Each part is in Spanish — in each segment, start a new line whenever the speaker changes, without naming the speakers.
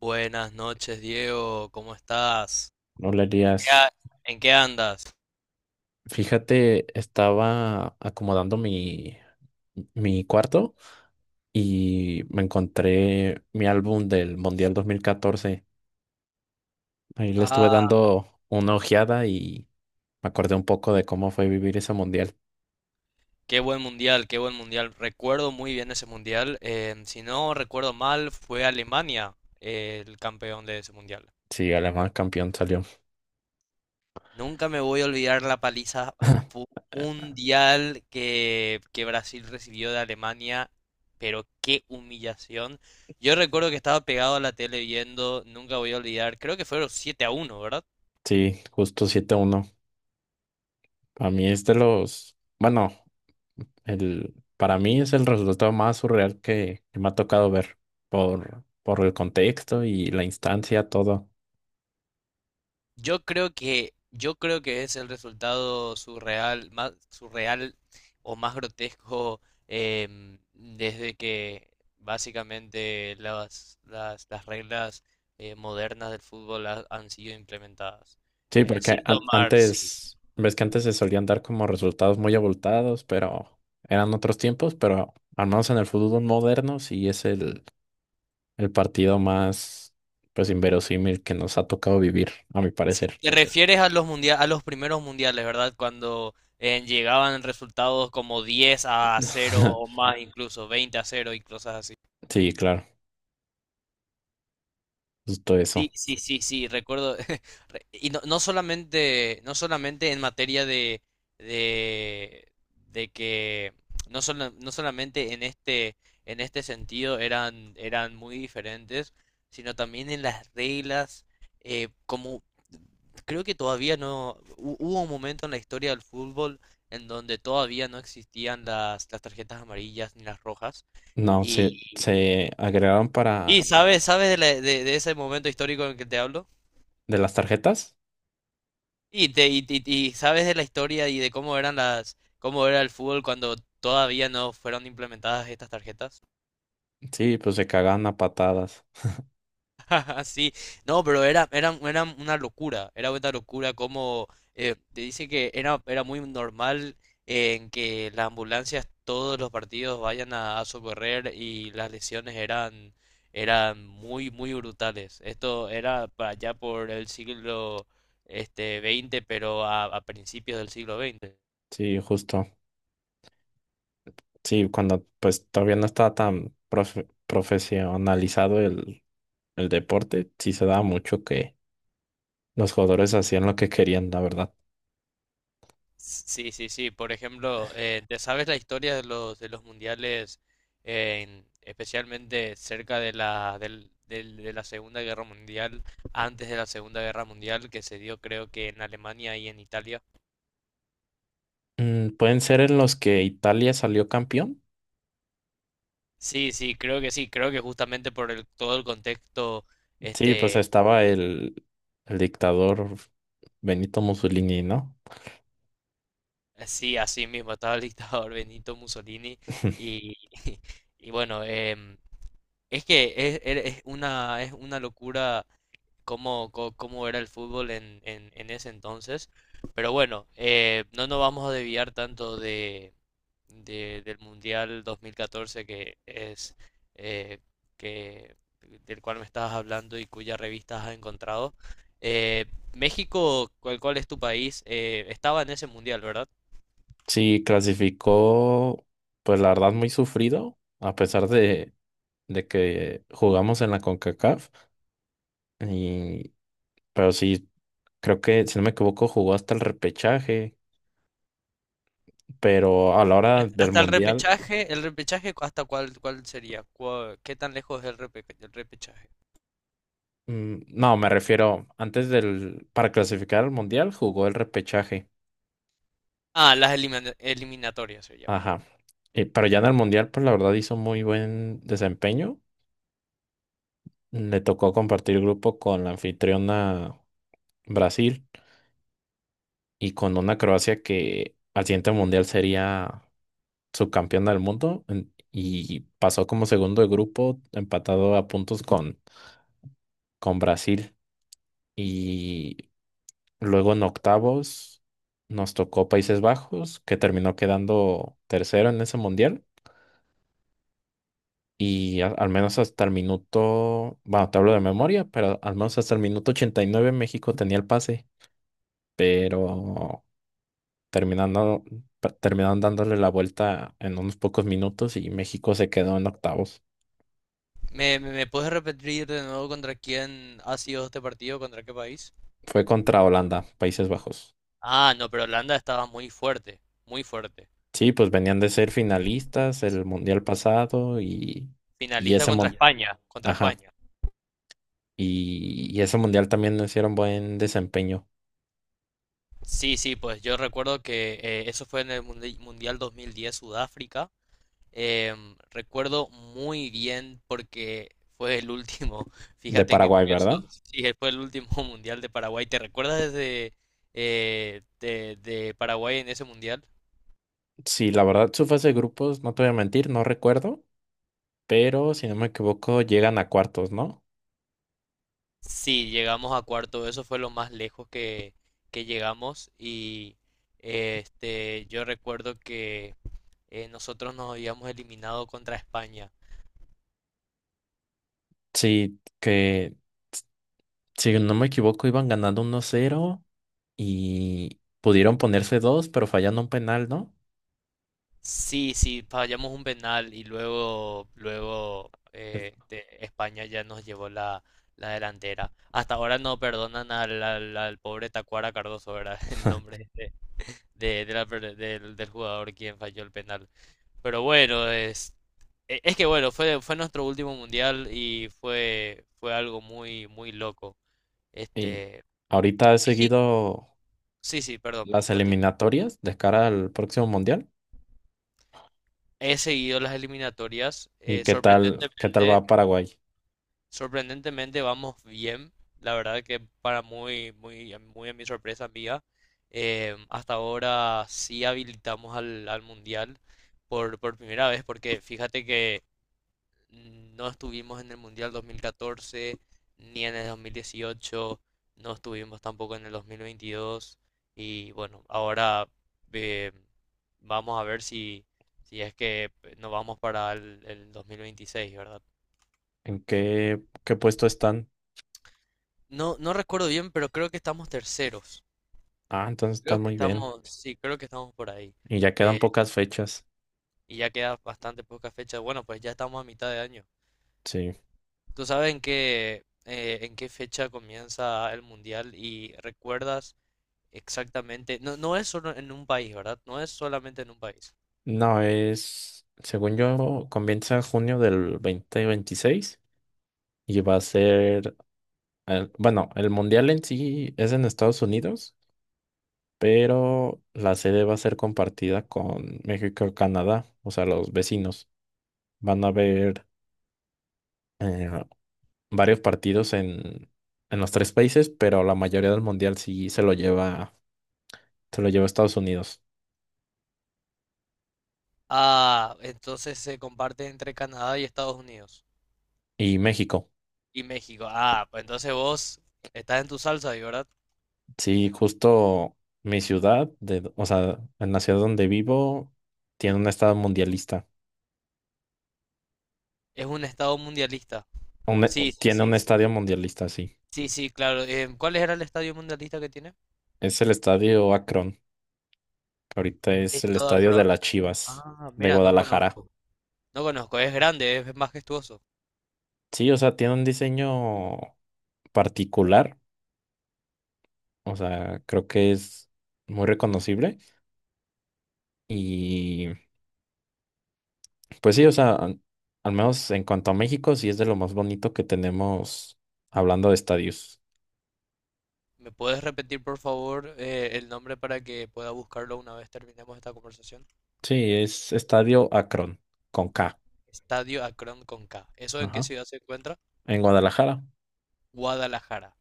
Buenas noches, Diego, ¿cómo estás?
Hola
¿Qué
Elías,
ha- ¿En qué andas?
fíjate, estaba acomodando mi cuarto y me encontré mi álbum del Mundial 2014. Ahí le estuve
Ah,
dando una ojeada y me acordé un poco de cómo fue vivir ese Mundial.
qué buen mundial, qué buen mundial. Recuerdo muy bien ese mundial. Si no recuerdo mal, fue Alemania, el campeón de ese mundial.
Sí, Alemán campeón salió.
Nunca me voy a olvidar la paliza fu- mundial que Brasil recibió de Alemania, pero qué humillación. Yo recuerdo que estaba pegado a la tele viendo, nunca voy a olvidar, creo que fueron 7 a 1, ¿verdad?
Sí, justo 7-1. A mí es de los, bueno, el, para mí es el resultado más surreal que me ha tocado ver por el contexto y la instancia, todo.
Yo creo que es el resultado surreal, más surreal o más grotesco, desde que básicamente las reglas, modernas del fútbol han sido implementadas.
Sí, porque
Sin tomar, sí.
antes, ves que antes se solían dar como resultados muy abultados, pero eran otros tiempos, pero al menos en el fútbol moderno sí es el partido más, pues, inverosímil que nos ha tocado vivir, a mi
Sí,
parecer.
te refieres a a los primeros mundiales, ¿verdad? Cuando, llegaban resultados como 10 a 0 o más, incluso 20 a 0 y cosas.
Sí, claro, justo
Sí,
eso.
sí, sí, sí, recuerdo. Y no solamente, no solamente en materia de, de que no solamente en este sentido eran muy diferentes, sino también en las reglas, como creo que todavía no, hubo un momento en la historia del fútbol en donde todavía no existían las tarjetas amarillas ni las rojas.
No,
Y,
se agregaron para
sabes de, la- de ese momento histórico en que te hablo.
de las tarjetas.
Y sabes de la historia y de cómo eran cómo era el fútbol cuando todavía no fueron implementadas estas tarjetas.
Sí, pues se cagaban a patadas.
Sí, no, pero era una locura, era una locura. Como, te dice que era muy normal en que las ambulancias todos los partidos vayan a socorrer, y las lesiones eran muy, muy brutales. Esto era para allá por el siglo, este, veinte, pero a principios del siglo veinte.
Sí, justo. Sí, cuando pues todavía no estaba tan profesionalizado el deporte sí se daba mucho que los jugadores hacían lo que querían, la verdad.
Sí, sí, sí. Por ejemplo, ¿te sabes la historia de los mundiales, especialmente cerca de la de la Segunda Guerra Mundial, antes de la Segunda Guerra Mundial, que se dio creo que en Alemania y en Italia?
Mm, ¿pueden ser en los que Italia salió campeón?
Sí, sí. Creo que justamente por el, todo el contexto,
Sí, pues
este,
estaba el dictador Benito Mussolini, ¿no?
sí, así mismo estaba el dictador Benito Mussolini, y y bueno, es que es una es una locura cómo, cómo era el fútbol en ese entonces. Pero bueno, no nos vamos a desviar tanto del Mundial 2014, que es, eh, que, del cual me estabas hablando y cuya revista has encontrado. Eh, México, ¿cuál es tu país? Estaba en ese mundial, ¿verdad?
Sí, clasificó, pues la verdad, muy sufrido, a pesar de que jugamos en la CONCACAF. Y, pero sí, creo que, si no me equivoco, jugó hasta el repechaje, pero a la hora del
Hasta
Mundial.
el repechaje, ¿cuál sería? ¿Qué tan lejos es el repechaje?
Mm, no, me refiero, antes del, para clasificar al Mundial jugó el repechaje.
Ah, eliminatorias se llama.
Ajá. Y pero ya en el Mundial, pues la verdad hizo muy buen desempeño. Le tocó compartir grupo con la anfitriona Brasil y con una Croacia que al siguiente Mundial sería subcampeona del mundo y pasó como segundo de grupo empatado a puntos con Brasil. Y luego en octavos nos tocó Países Bajos, que terminó quedando tercero en ese mundial. Y al menos hasta el minuto, bueno, te hablo de memoria, pero al menos hasta el minuto 89 México tenía el pase, pero terminando, terminaron dándole la vuelta en unos pocos minutos y México se quedó en octavos.
¿Me puedes repetir de nuevo contra quién ha sido este partido? ¿Contra qué país?
Fue contra Holanda, Países Bajos.
Ah, no, pero Holanda estaba muy fuerte, muy fuerte.
Sí, pues venían de ser finalistas el mundial pasado y
Finalista
ese
contra España, contra
ajá.
España.
Y ese mundial también no hicieron buen desempeño
Sí, sí, pues yo recuerdo que, eso fue en el Mundial 2010, Sudáfrica. Recuerdo muy bien porque fue el último.
de
Fíjate qué
Paraguay,
curioso.
¿verdad?
Sí, fue el último Mundial de Paraguay. ¿Te recuerdas desde, de Paraguay en ese Mundial?
Sí, la verdad, su fase de grupos, no te voy a mentir, no recuerdo, pero si no me equivoco, llegan a cuartos, ¿no?
Sí, llegamos a cuarto, eso fue lo más lejos que llegamos. Y, yo recuerdo que, nosotros nos habíamos eliminado contra España.
Sí, que si no me equivoco, iban ganando 1-0 y pudieron ponerse 2 pero fallando un penal, ¿no?
Sí, sí, fallamos un penal y luego
Es-
España ya nos llevó la delantera. Hasta ahora no perdonan al pobre Tacuara Cardoso, ¿verdad? El nombre de del jugador quien falló el penal. Pero bueno, es que bueno, fue nuestro último mundial, y fue algo muy, muy loco.
Y
Este,
ahorita he
México,
seguido
sí, sí, perdón,
las
continúo.
eliminatorias de cara al próximo mundial.
He seguido las eliminatorias,
¿Y qué tal va Paraguay?
sorprendentemente vamos bien. La verdad que para muy a mi sorpresa mía, hasta ahora sí habilitamos al mundial por primera vez, porque fíjate que no estuvimos en el Mundial 2014 ni en el 2018, no estuvimos tampoco en el 2022. Y bueno, ahora, eh, vamos a ver si es que nos vamos para el 2026, ¿verdad?
¿En qué, qué puesto están?
No, no recuerdo bien, pero creo que estamos terceros.
Ah, entonces
Creo
están
que
muy bien.
estamos, sí, creo que estamos por ahí.
Y ya
Eh,
quedan pocas fechas.
y ya queda bastante poca fecha. Bueno, pues ya estamos a mitad de año.
Sí.
¿Tú sabes en qué fecha comienza el mundial? Y recuerdas exactamente. No, no es solo en un país, ¿verdad? No es solamente en un país.
No, es, según yo, comienza en junio del 2026 y va a bueno, el mundial en sí es en Estados Unidos, pero la sede va a ser compartida con México y Canadá, o sea, los vecinos. Van a haber eh, varios partidos en los tres países, pero la mayoría del mundial sí se lo lleva Estados Unidos
Ah, entonces se comparte entre Canadá y Estados Unidos.
y México.
Y México. Ah, pues entonces vos estás en tu salsa ahí, ¿verdad?
Sí, justo mi ciudad, de, o sea, en la ciudad donde vivo, tiene un estado mundialista.
Es un estado mundialista.
Un
Sí, sí,
tiene
sí.
un
Sí,
estadio mundialista, sí.
sí, sí, claro. ¿Cuál era el estadio mundialista que tiene?
Es el estadio Akron, que ahorita es el
Estado
estadio de
Akron.
las Chivas
Ah,
de
mira, no
Guadalajara.
conozco. No conozco. Es grande, es majestuoso.
Sí, o sea, tiene un diseño particular, o sea, creo que es muy reconocible. Y pues sí, o sea, al menos en cuanto a México, sí es de lo más bonito que tenemos hablando de estadios.
¿Me puedes repetir, por favor, el nombre para que pueda buscarlo una vez terminemos esta conversación?
Sí, es Estadio Akron, con K.
Estadio Akron con K. ¿Eso en qué
Ajá.
ciudad se encuentra?
En Guadalajara.
Guadalajara.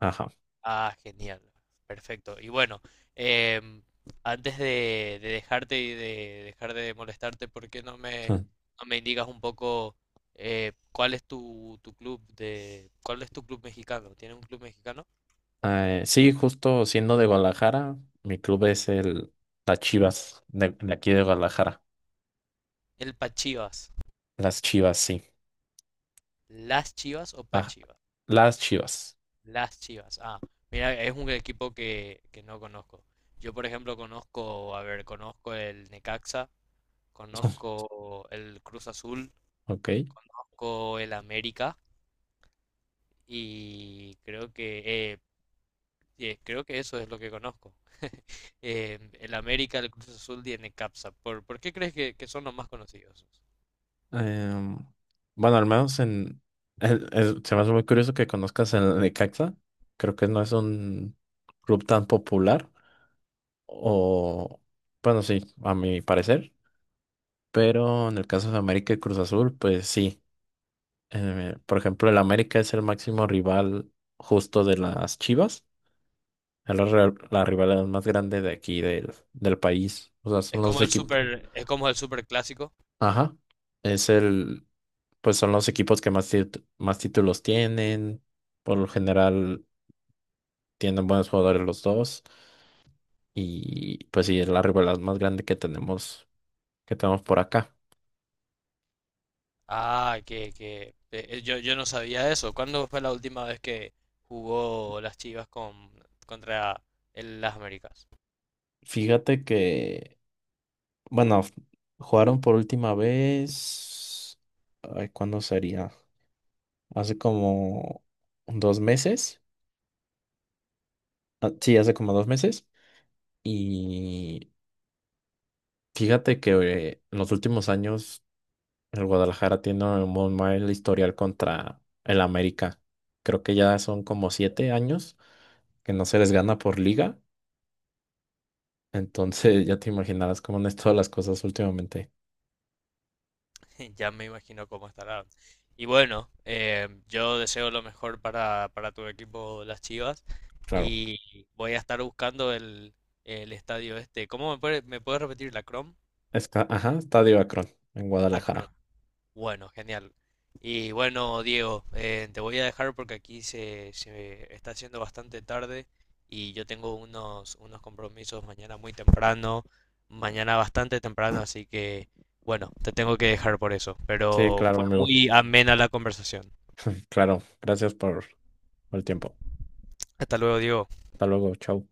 Ajá.
Ah, genial. Perfecto. Y bueno, em, antes de dejarte y de dejar de molestarte, ¿por qué no me indicas un poco, cuál es tu, cuál es tu club mexicano? ¿Tienes un club mexicano?
Sí, justo siendo de Guadalajara, mi club es el las Chivas, de aquí de Guadalajara.
El Pachivas.
Las Chivas, sí.
¿Las Chivas o
Ah,
Pachivas?
las Chivas.
Las Chivas. Ah, mira, es un equipo que no conozco. Yo, por ejemplo, conozco, a ver, conozco el Necaxa, conozco el Cruz Azul,
Ok.
conozco el América, y creo que eso es lo que conozco. El América, el Cruz Azul y el Capsa. ¿Por qué crees que son los más conocidos?
Em, bueno, al menos en. El se me hace muy curioso que conozcas el Necaxa. Creo que no es un club tan popular. O. Bueno, sí, a mi parecer. Pero en el caso de América y Cruz Azul, pues sí. Por ejemplo, el América es el máximo rival justo de las Chivas. Es la rivalidad más grande de aquí del país. O sea,
Es
son los
como el
equipos.
super, es como el super clásico.
Ajá. Es el, pues son los equipos que más títulos tienen. Por lo general tienen buenos jugadores los dos. Y pues sí, es la rivalidad más grande que tenemos por acá.
Ah, que yo, yo no sabía eso. ¿Cuándo fue la última vez que jugó las Chivas contra las Américas?
Fíjate que Bueno, f- Jugaron por última vez. Ay, ¿cuándo sería? Hace como dos meses. Ah, sí, hace como dos meses. Y fíjate que en los últimos años el Guadalajara tiene un mal historial contra el América. Creo que ya son como 7 años que no se les gana por liga. Entonces ya te imaginarás cómo han estado las cosas últimamente.
Ya me imagino cómo estará. Y bueno, yo deseo lo mejor para tu equipo, las Chivas,
Claro.
y voy a estar buscando el estadio este. ¿Me puedes repetir la Crom?
Está, ajá, Estadio Akron en
Acron.
Guadalajara.
Bueno, genial. Y bueno, Diego, te voy a dejar porque aquí se está haciendo bastante tarde, y yo tengo unos compromisos mañana muy temprano, mañana bastante temprano, así que bueno, te tengo que dejar por eso.
Sí,
Pero
claro,
fue
amigo.
muy amena la conversación.
Claro, gracias por el tiempo.
Hasta luego, Diego.
Hasta luego, chao.